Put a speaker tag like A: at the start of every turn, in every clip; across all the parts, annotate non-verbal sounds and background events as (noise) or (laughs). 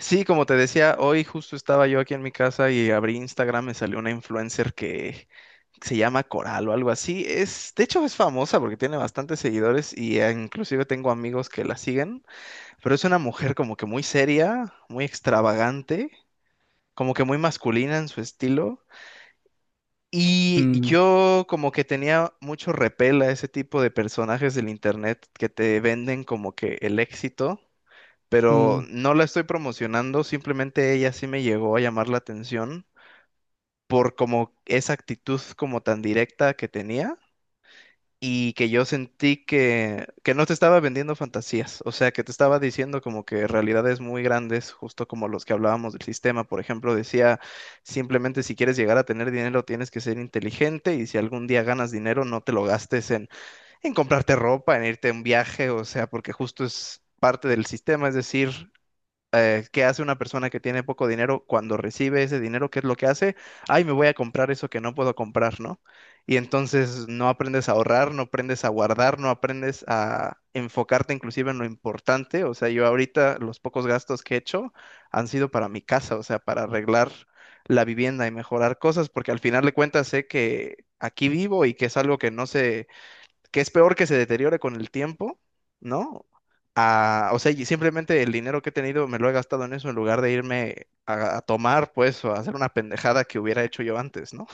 A: Sí, como te decía, hoy justo estaba yo aquí en mi casa y abrí Instagram. Me salió una influencer que se llama Coral o algo así. De hecho, es famosa porque tiene bastantes seguidores y inclusive tengo amigos que la siguen, pero es una mujer como que muy seria, muy extravagante, como que muy masculina en su estilo. Y
B: Mm,
A: yo como que tenía mucho repel a ese tipo de personajes del internet que te venden como que el éxito, pero
B: mm,
A: no la estoy promocionando, simplemente ella sí me llegó a llamar la atención por como esa actitud como tan directa que tenía, y que yo sentí que no te estaba vendiendo fantasías. O sea, que te estaba diciendo como que realidades muy grandes, justo como los que hablábamos del sistema. Por ejemplo, decía simplemente, si quieres llegar a tener dinero tienes que ser inteligente, y si algún día ganas dinero no te lo gastes en comprarte ropa, en irte a un viaje. O sea, porque justo es parte del sistema, es decir, ¿qué hace una persona que tiene poco dinero cuando recibe ese dinero? ¿Qué es lo que hace? Ay, me voy a comprar eso que no puedo comprar, ¿no? Y entonces no aprendes a ahorrar, no aprendes a guardar, no aprendes a enfocarte inclusive en lo importante. O sea, yo ahorita los pocos gastos que he hecho han sido para mi casa, o sea, para arreglar la vivienda y mejorar cosas, porque al final de cuentas sé que aquí vivo y que es algo que no se, que es peor que se deteriore con el tiempo, ¿no? O sea, y simplemente el dinero que he tenido me lo he gastado en eso en lugar de irme a tomar, pues, o a hacer una pendejada que hubiera hecho yo antes, ¿no?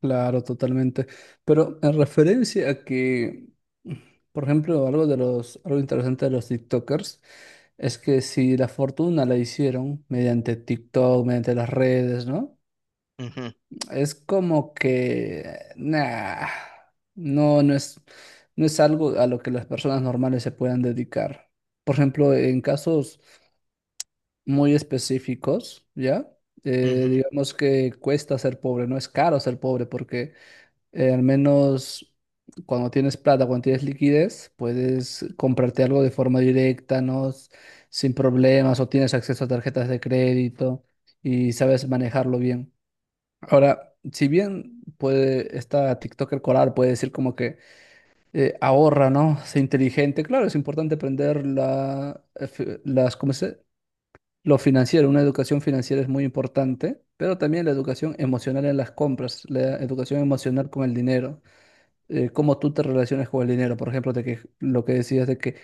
B: claro, totalmente. Pero en referencia a que, mm, por ejemplo, algo interesante de los TikTokers es que si la fortuna la hicieron mediante TikTok, mediante las redes, ¿no?
A: Ujú,
B: Es como que, nah, no, no es algo a lo que las personas normales se puedan dedicar. Por ejemplo, en casos muy específicos, ¿ya?
A: ujú,
B: Digamos que cuesta ser pobre, no es caro ser pobre porque al menos cuando tienes plata, cuando tienes liquidez, puedes comprarte algo de forma directa, ¿no? Sin problemas, o tienes acceso a tarjetas de crédito y sabes manejarlo bien. Ahora, si bien puede esta TikToker colar puede decir como que ahorra, ¿no? Sé inteligente. Claro, es importante aprender las, ¿cómo se? Lo financiero, una educación financiera es muy importante, pero también la educación emocional en las compras, la educación emocional con el dinero, cómo tú te relacionas con el dinero. Por ejemplo, de que lo que decías de que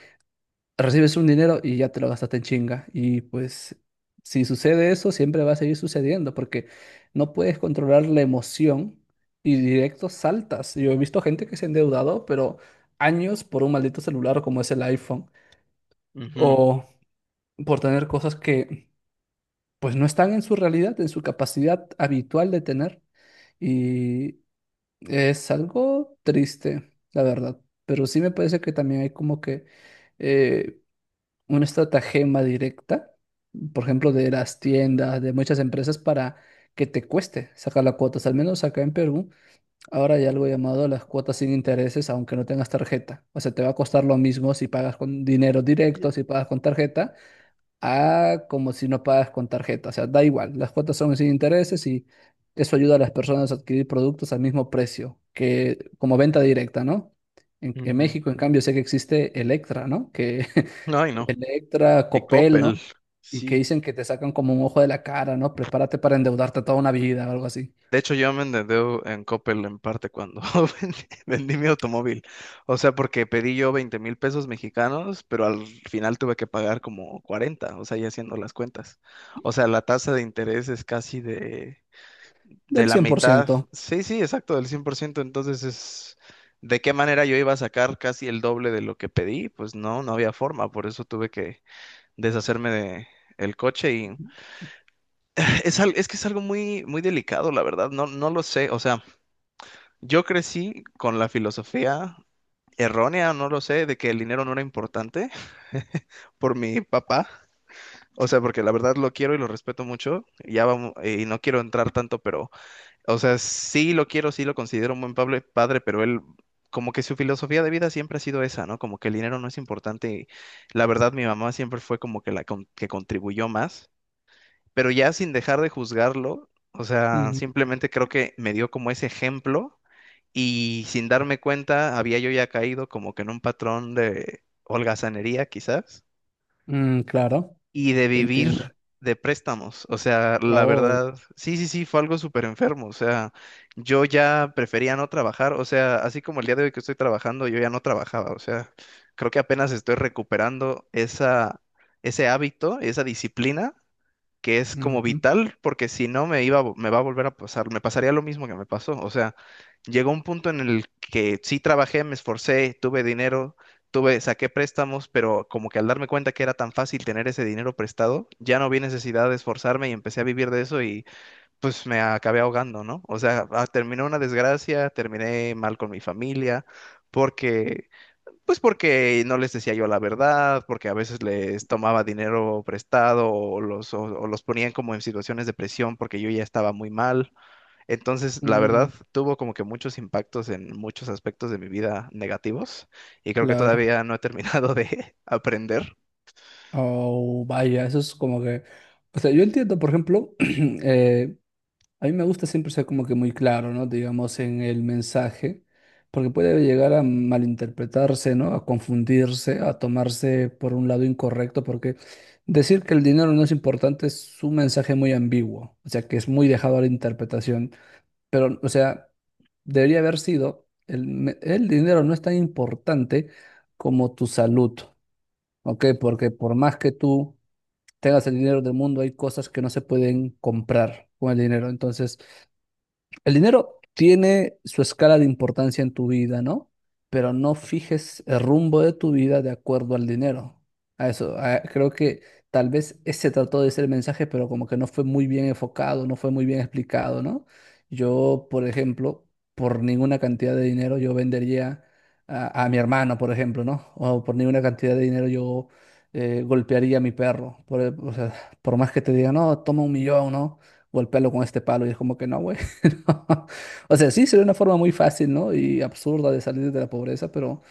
B: recibes un dinero y ya te lo gastaste en chinga. Y pues si sucede eso, siempre va a seguir sucediendo porque no puedes controlar la emoción y directo saltas. Yo he visto gente que se ha endeudado, pero años por un maldito celular como es el iPhone,
A: ujú,
B: o por tener cosas que pues no están en su realidad, en su capacidad habitual de tener. Y es algo triste, la verdad, pero sí me parece que también hay como que eh, una estratagema directa, por ejemplo, de las tiendas, de muchas empresas para que te cueste sacar las cuotas. Al menos acá en Perú, ahora hay algo llamado las cuotas sin intereses, aunque no tengas tarjeta. O sea, te va a costar lo mismo si pagas con dinero directo, si pagas con tarjeta, a como si no pagas con tarjeta. O sea, da igual. Las cuotas son sin intereses y eso ayuda a las personas a adquirir productos al mismo precio que como venta directa, ¿no? En
A: ujú.
B: México, en cambio, sé que existe Electra, ¿no? Que
A: No, y
B: (laughs)
A: no.
B: Electra,
A: Y
B: Copel, ¿no?
A: Coppel,
B: Y que
A: sí.
B: dicen que te sacan como un ojo de la cara, ¿no? Prepárate para endeudarte toda una vida o algo así.
A: De hecho, yo me endeudé en Coppel en parte cuando (laughs) vendí, vendí mi automóvil. O sea, porque pedí yo 20,000 pesos mexicanos, pero al final tuve que pagar como 40, o sea, ya haciendo las cuentas. O sea, la tasa de interés es casi de
B: Del
A: la mitad.
B: 100%.
A: Sí, sí, exacto, del 100%. Entonces es, ¿de qué manera yo iba a sacar casi el doble de lo que pedí? Pues no, no había forma, por eso tuve que deshacerme de el coche. Y (clears throat) es que es algo muy, muy delicado, la verdad, no, no lo sé. O sea, yo crecí con la filosofía errónea, no lo sé, de que el dinero no era importante, por mi papá. O sea, porque la verdad lo quiero y lo respeto mucho, ya vamos, y no quiero entrar tanto, pero, o sea, sí lo quiero, sí lo considero un buen padre, pero él, como que su filosofía de vida siempre ha sido esa, ¿no? Como que el dinero no es importante. Y la verdad, mi mamá siempre fue como que que contribuyó más, pero ya sin dejar de juzgarlo. O sea,
B: Ujú.
A: simplemente creo que me dio como ese ejemplo, y sin darme cuenta había yo ya caído como que en un patrón de holgazanería, quizás,
B: Mm, claro,
A: y de
B: te
A: vivir
B: entiendo.
A: de préstamos. O sea, la
B: Oh,
A: verdad, sí, sí, sí, fue algo súper enfermo. O sea, yo ya prefería no trabajar. O sea, así como el día de hoy que estoy trabajando, yo ya no trabajaba. O sea, creo que apenas estoy recuperando esa, ese hábito, esa disciplina, que es como
B: ujú.
A: vital, porque si no me va a volver a pasar, me pasaría lo mismo que me pasó. O sea, llegó un punto en el que sí trabajé, me esforcé, tuve dinero, tuve, saqué préstamos, pero como que al darme cuenta que era tan fácil tener ese dinero prestado, ya no vi necesidad de esforzarme y empecé a vivir de eso, y pues me acabé ahogando, ¿no? O sea, ah, terminó una desgracia, terminé mal con mi familia, porque pues porque no les decía yo la verdad, porque a veces les tomaba dinero prestado, o los ponían como en situaciones de presión porque yo ya estaba muy mal. Entonces, la
B: Mm,
A: verdad, tuvo como que muchos impactos en muchos aspectos de mi vida negativos, y creo que
B: claro.
A: todavía no he terminado de (laughs) aprender.
B: Oh, vaya, eso es como que, o sea, yo entiendo, por ejemplo, (clears throat) eh, a mí me gusta siempre ser como que muy claro, ¿no? Digamos, en el mensaje, porque puede llegar a malinterpretarse, ¿no? A confundirse, a tomarse por un lado incorrecto, porque decir que el dinero no es importante es un mensaje muy ambiguo, o sea, que es muy dejado a la interpretación, pero, o sea, debería haber sido, el dinero no es tan importante como tu salud, ¿ok? Porque por más que tú tengas el dinero del mundo, hay cosas que no se pueden comprar con el dinero. Entonces, el dinero tiene su escala de importancia en tu vida, ¿no? Pero no fijes el rumbo de tu vida de acuerdo al dinero. A eso, creo que tal vez ese trató de ser el mensaje, pero como que no fue muy bien enfocado, no fue muy bien explicado, ¿no? Yo, por ejemplo, por ninguna cantidad de dinero yo vendería a mi hermano, por ejemplo, ¿no? O por ninguna cantidad de dinero yo golpearía a mi perro. O sea, por más que te diga, no, toma un millón, ¿no? Golpéalo con este palo. Y es como que no, güey. (laughs) O sea, sí, sería una forma muy fácil, ¿no? Y absurda de salir de la pobreza, pero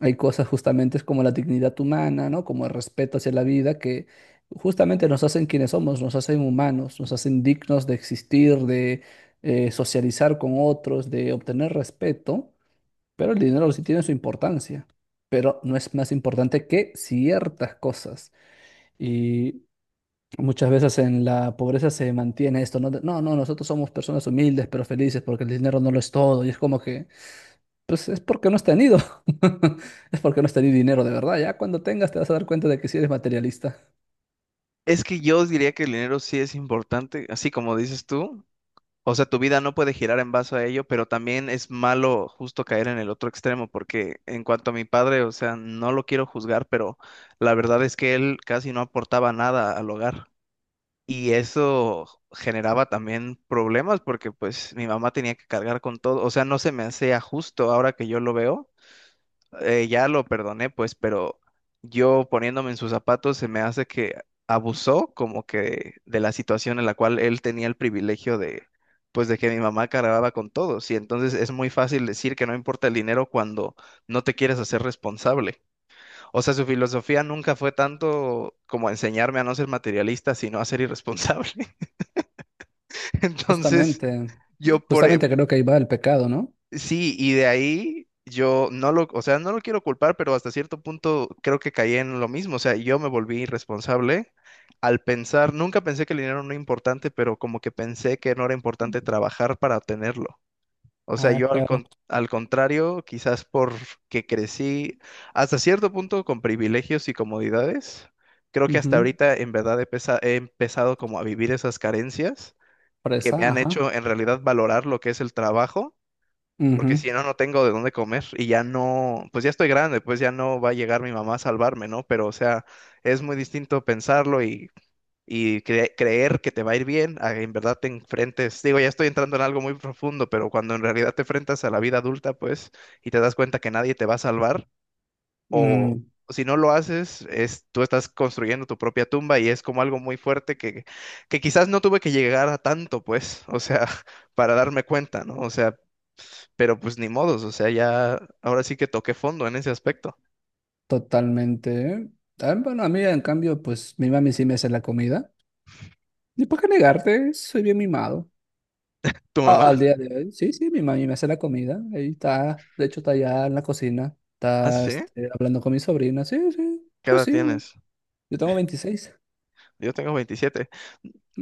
B: hay cosas justamente como la dignidad humana, ¿no? Como el respeto hacia la vida que justamente nos hacen quienes somos, nos hacen humanos, nos hacen dignos de existir, de socializar con otros, de obtener respeto, pero el dinero sí tiene su importancia, pero no es más importante que ciertas cosas. Y muchas veces en la pobreza se mantiene esto, ¿no? De, no, no, nosotros somos personas humildes pero felices porque el dinero no lo es todo. Y es como que, pues es porque no has tenido. (laughs) Es porque no has tenido dinero de verdad. Ya cuando tengas te vas a dar cuenta de que si eres materialista.
A: Es que yo diría que el dinero sí es importante, así como dices tú. O sea, tu vida no puede girar en base a ello, pero también es malo justo caer en el otro extremo, porque en cuanto a mi padre, o sea, no lo quiero juzgar, pero la verdad es que él casi no aportaba nada al hogar. Y eso generaba también problemas porque pues mi mamá tenía que cargar con todo. O sea, no se me hacía justo. Ahora que yo lo veo, ya lo perdoné, pues, pero yo poniéndome en sus zapatos se me hace que abusó como que de la situación en la cual él tenía el privilegio de, pues, de que mi mamá cargaba con todos. Y entonces es muy fácil decir que no importa el dinero cuando no te quieres hacer responsable. O sea, su filosofía nunca fue tanto como enseñarme a no ser materialista, sino a ser irresponsable. (laughs) Entonces...
B: Justamente,
A: Yo por, e,
B: justamente creo que ahí va el pecado, ¿no?
A: Sí, y de ahí yo no lo, o sea, no lo quiero culpar, pero hasta cierto punto creo que caí en lo mismo. O sea, yo me volví irresponsable al pensar, nunca pensé que el dinero no era importante, pero como que pensé que no era importante trabajar para obtenerlo. O sea,
B: Ah,
A: yo
B: claro.
A: al contrario, quizás porque crecí hasta cierto punto con privilegios y comodidades, creo que hasta
B: Ujú.
A: ahorita en verdad he empezado como a vivir esas carencias que
B: Presa,
A: me han
B: ajá.
A: hecho en realidad valorar lo que es el trabajo, porque
B: Ujú.
A: si no, no tengo de dónde comer, y ya no, pues ya estoy grande, pues ya no va a llegar mi mamá a salvarme, ¿no? Pero, o sea, es muy distinto pensarlo creer que te va a ir bien, a en verdad te enfrentes, digo, ya estoy entrando en algo muy profundo, pero cuando en realidad te enfrentas a la vida adulta, pues, y te das cuenta que nadie te va a salvar, o
B: Mm,
A: si no lo haces, tú estás construyendo tu propia tumba, y es como algo muy fuerte que quizás no tuve que llegar a tanto, pues, o sea, (laughs) para darme cuenta, ¿no? O sea, pero pues ni modos, o sea, ya ahora sí que toqué fondo en ese aspecto.
B: totalmente. Ah, bueno, a mí en cambio, pues mi mami sí me hace la comida. ¿Y para qué negarte? Soy bien mimado.
A: ¿Tu
B: Ah,
A: mamá?
B: al día
A: (laughs)
B: de hoy, sí, sí, mi mami me hace la comida. Ahí está, de hecho, está allá en la cocina.
A: ¿Ah,
B: Está
A: sí?
B: este, hablando con mi sobrina. Sí, sí,
A: ¿Qué
B: pues
A: edad
B: sí, güey.
A: tienes?
B: Yo tengo 26.
A: Yo tengo 27.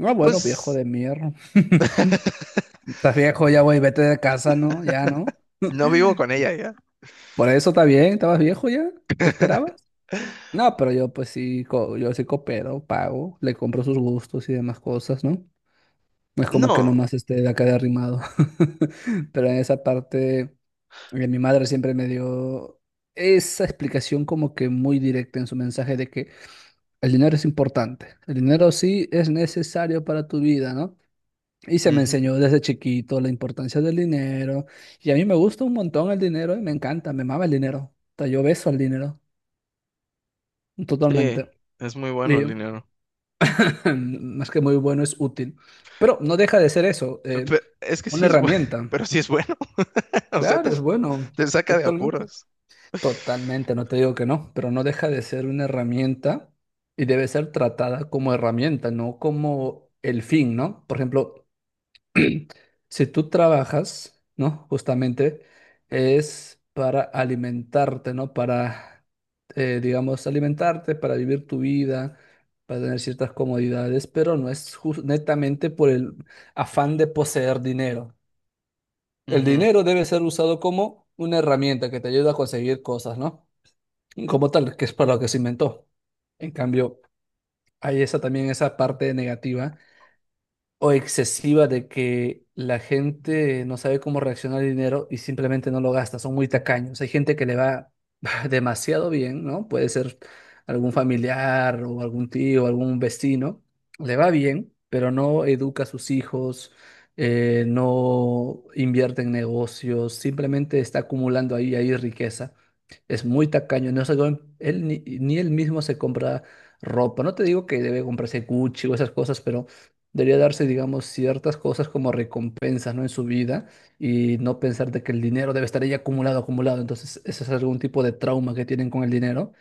B: Ah, bueno, viejo
A: Pues
B: de mierda. (laughs)
A: (laughs)
B: Estás viejo ya, güey, vete de casa, ¿no? Ya, ¿no?
A: no vivo con ella ya.
B: Por eso está bien, estabas viejo ya. ¿Qué esperabas? No, pero yo, pues sí, yo sí coopero, pago, le compro sus gustos y demás cosas, ¿no? No. Es como que
A: No.
B: nomás esté de acá de arrimado. (laughs) Pero en esa parte. Y mi madre siempre me dio esa explicación como que muy directa en su mensaje de que el dinero es importante, el dinero sí es necesario para tu vida, ¿no? Y se me
A: Ujú.
B: enseñó desde chiquito la importancia del dinero. Y a mí me gusta un montón el dinero y me encanta, me mama el dinero. O sea, yo beso al dinero,
A: Sí,
B: totalmente.
A: es muy bueno
B: Y
A: el
B: (laughs)
A: dinero.
B: (clears throat) más que muy bueno, es útil. Pero no deja de ser eso,
A: Pe- es que sí
B: una
A: es bueno, (laughs)
B: herramienta.
A: pero sí es bueno. (laughs) O sea, te,
B: Claro, es bueno,
A: te saca de
B: totalmente.
A: apuros.
B: Totalmente, no te digo que no, pero no deja de ser una herramienta y debe ser tratada como herramienta, no como el fin, ¿no? Por ejemplo, si tú trabajas, ¿no? Justamente es para alimentarte, ¿no? Para, digamos, alimentarte, para vivir tu vida, para tener ciertas comodidades, pero no es netamente por el afán de poseer dinero. El
A: Ujú.
B: dinero debe ser usado como una herramienta que te ayuda a conseguir cosas, ¿no? Como tal, que es para lo que se inventó. En cambio, hay esa también esa parte negativa o excesiva de que la gente no sabe cómo reaccionar al dinero y simplemente no lo gasta, son muy tacaños. Hay gente que le va (laughs) demasiado bien, ¿no? Puede ser algún familiar o algún tío, algún vecino, le va bien, pero no educa a sus hijos, no invierte en negocios, simplemente está acumulando ahí, ahí riqueza. Es muy tacaño, él ni él mismo se compra ropa. No te digo que debe comprarse Gucci o esas cosas, pero debería darse, digamos, ciertas cosas como recompensas, ¿no? En su vida, y no pensar de que el dinero debe estar ahí acumulado, acumulado. Entonces, eso es algún tipo de trauma que tienen con el dinero,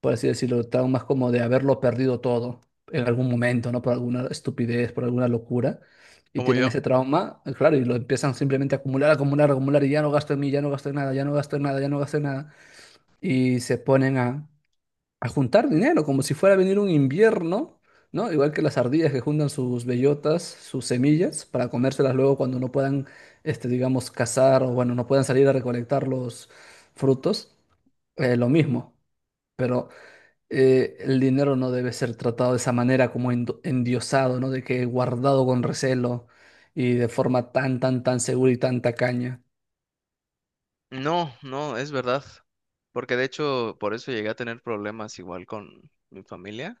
B: por así decirlo, traumas como de haberlo perdido todo en algún momento, ¿no? Por alguna estupidez, por alguna locura. Y
A: Como
B: tienen
A: yo.
B: ese trauma, claro, y lo empiezan simplemente a acumular, acumular, acumular, y ya no gasto en mí, ya no gasto en nada, ya no gasto en nada, ya no gasto en nada y se ponen a juntar dinero, como si fuera a venir un invierno, ¿no? Igual que las ardillas que juntan sus bellotas, sus semillas, para comérselas luego cuando no puedan, este, digamos, cazar o, bueno, no puedan salir a recolectar los frutos. Lo mismo, pero el dinero no debe ser tratado de esa manera como endiosado, ¿no? De que guardado con recelo y de forma tan, tan, tan segura y tan tacaña.
A: No, no, es verdad. Porque de hecho, por eso llegué a tener problemas igual con mi familia,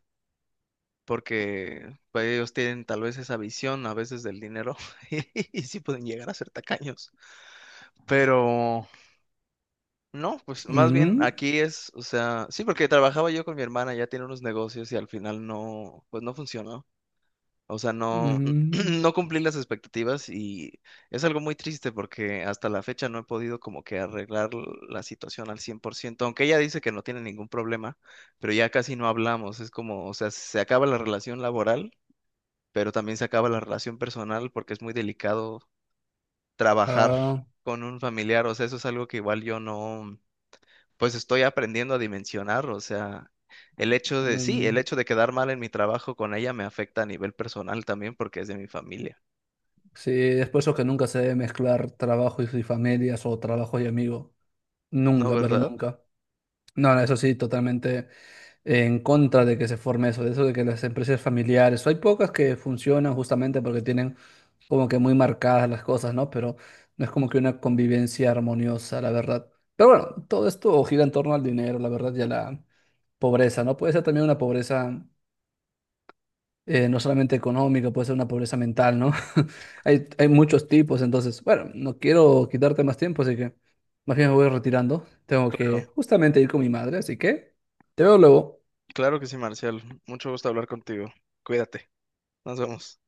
A: porque pues ellos tienen tal vez esa visión a veces del dinero (laughs) y sí pueden llegar a ser tacaños. Pero no, pues más bien
B: Mm,
A: aquí es, o sea, sí, porque trabajaba yo con mi hermana, ya tiene unos negocios y al final no, pues no funcionó. O sea, no,
B: mm,
A: (clears throat) no cumplí las expectativas, y es algo muy triste porque hasta la fecha no he podido como que arreglar la situación al 100%, aunque ella dice que no tiene ningún problema, pero ya casi no hablamos. Es como, o sea, se acaba la relación laboral pero también se acaba la relación personal porque es muy delicado trabajar
B: ah,
A: con un familiar. O sea, eso es algo que igual yo no, pues estoy aprendiendo a dimensionar. O sea, el hecho de, sí, el
B: mm.
A: hecho de quedar mal en mi trabajo con ella me afecta a nivel personal también porque es de mi familia,
B: Sí, es después eso que nunca se debe mezclar trabajo y familias o trabajo y amigos.
A: ¿no,
B: Nunca, pero
A: verdad?
B: nunca. No, no, eso sí, totalmente en contra de que se forme eso de que las empresas familiares, hay pocas que funcionan justamente porque tienen como que muy marcadas las cosas, ¿no? Pero no es como que una convivencia armoniosa, la verdad. Pero bueno, todo esto gira en torno al dinero, la verdad, y a la pobreza, ¿no? Puede ser también una pobreza no solamente económica, puede ser una pobreza mental, ¿no? (laughs) Hay muchos tipos, entonces, bueno, no quiero quitarte más tiempo, así que más bien me voy retirando. Tengo que
A: Claro,
B: justamente ir con mi madre, así que te veo luego.
A: claro que sí, Marcial, mucho gusto hablar contigo, cuídate, nos vemos.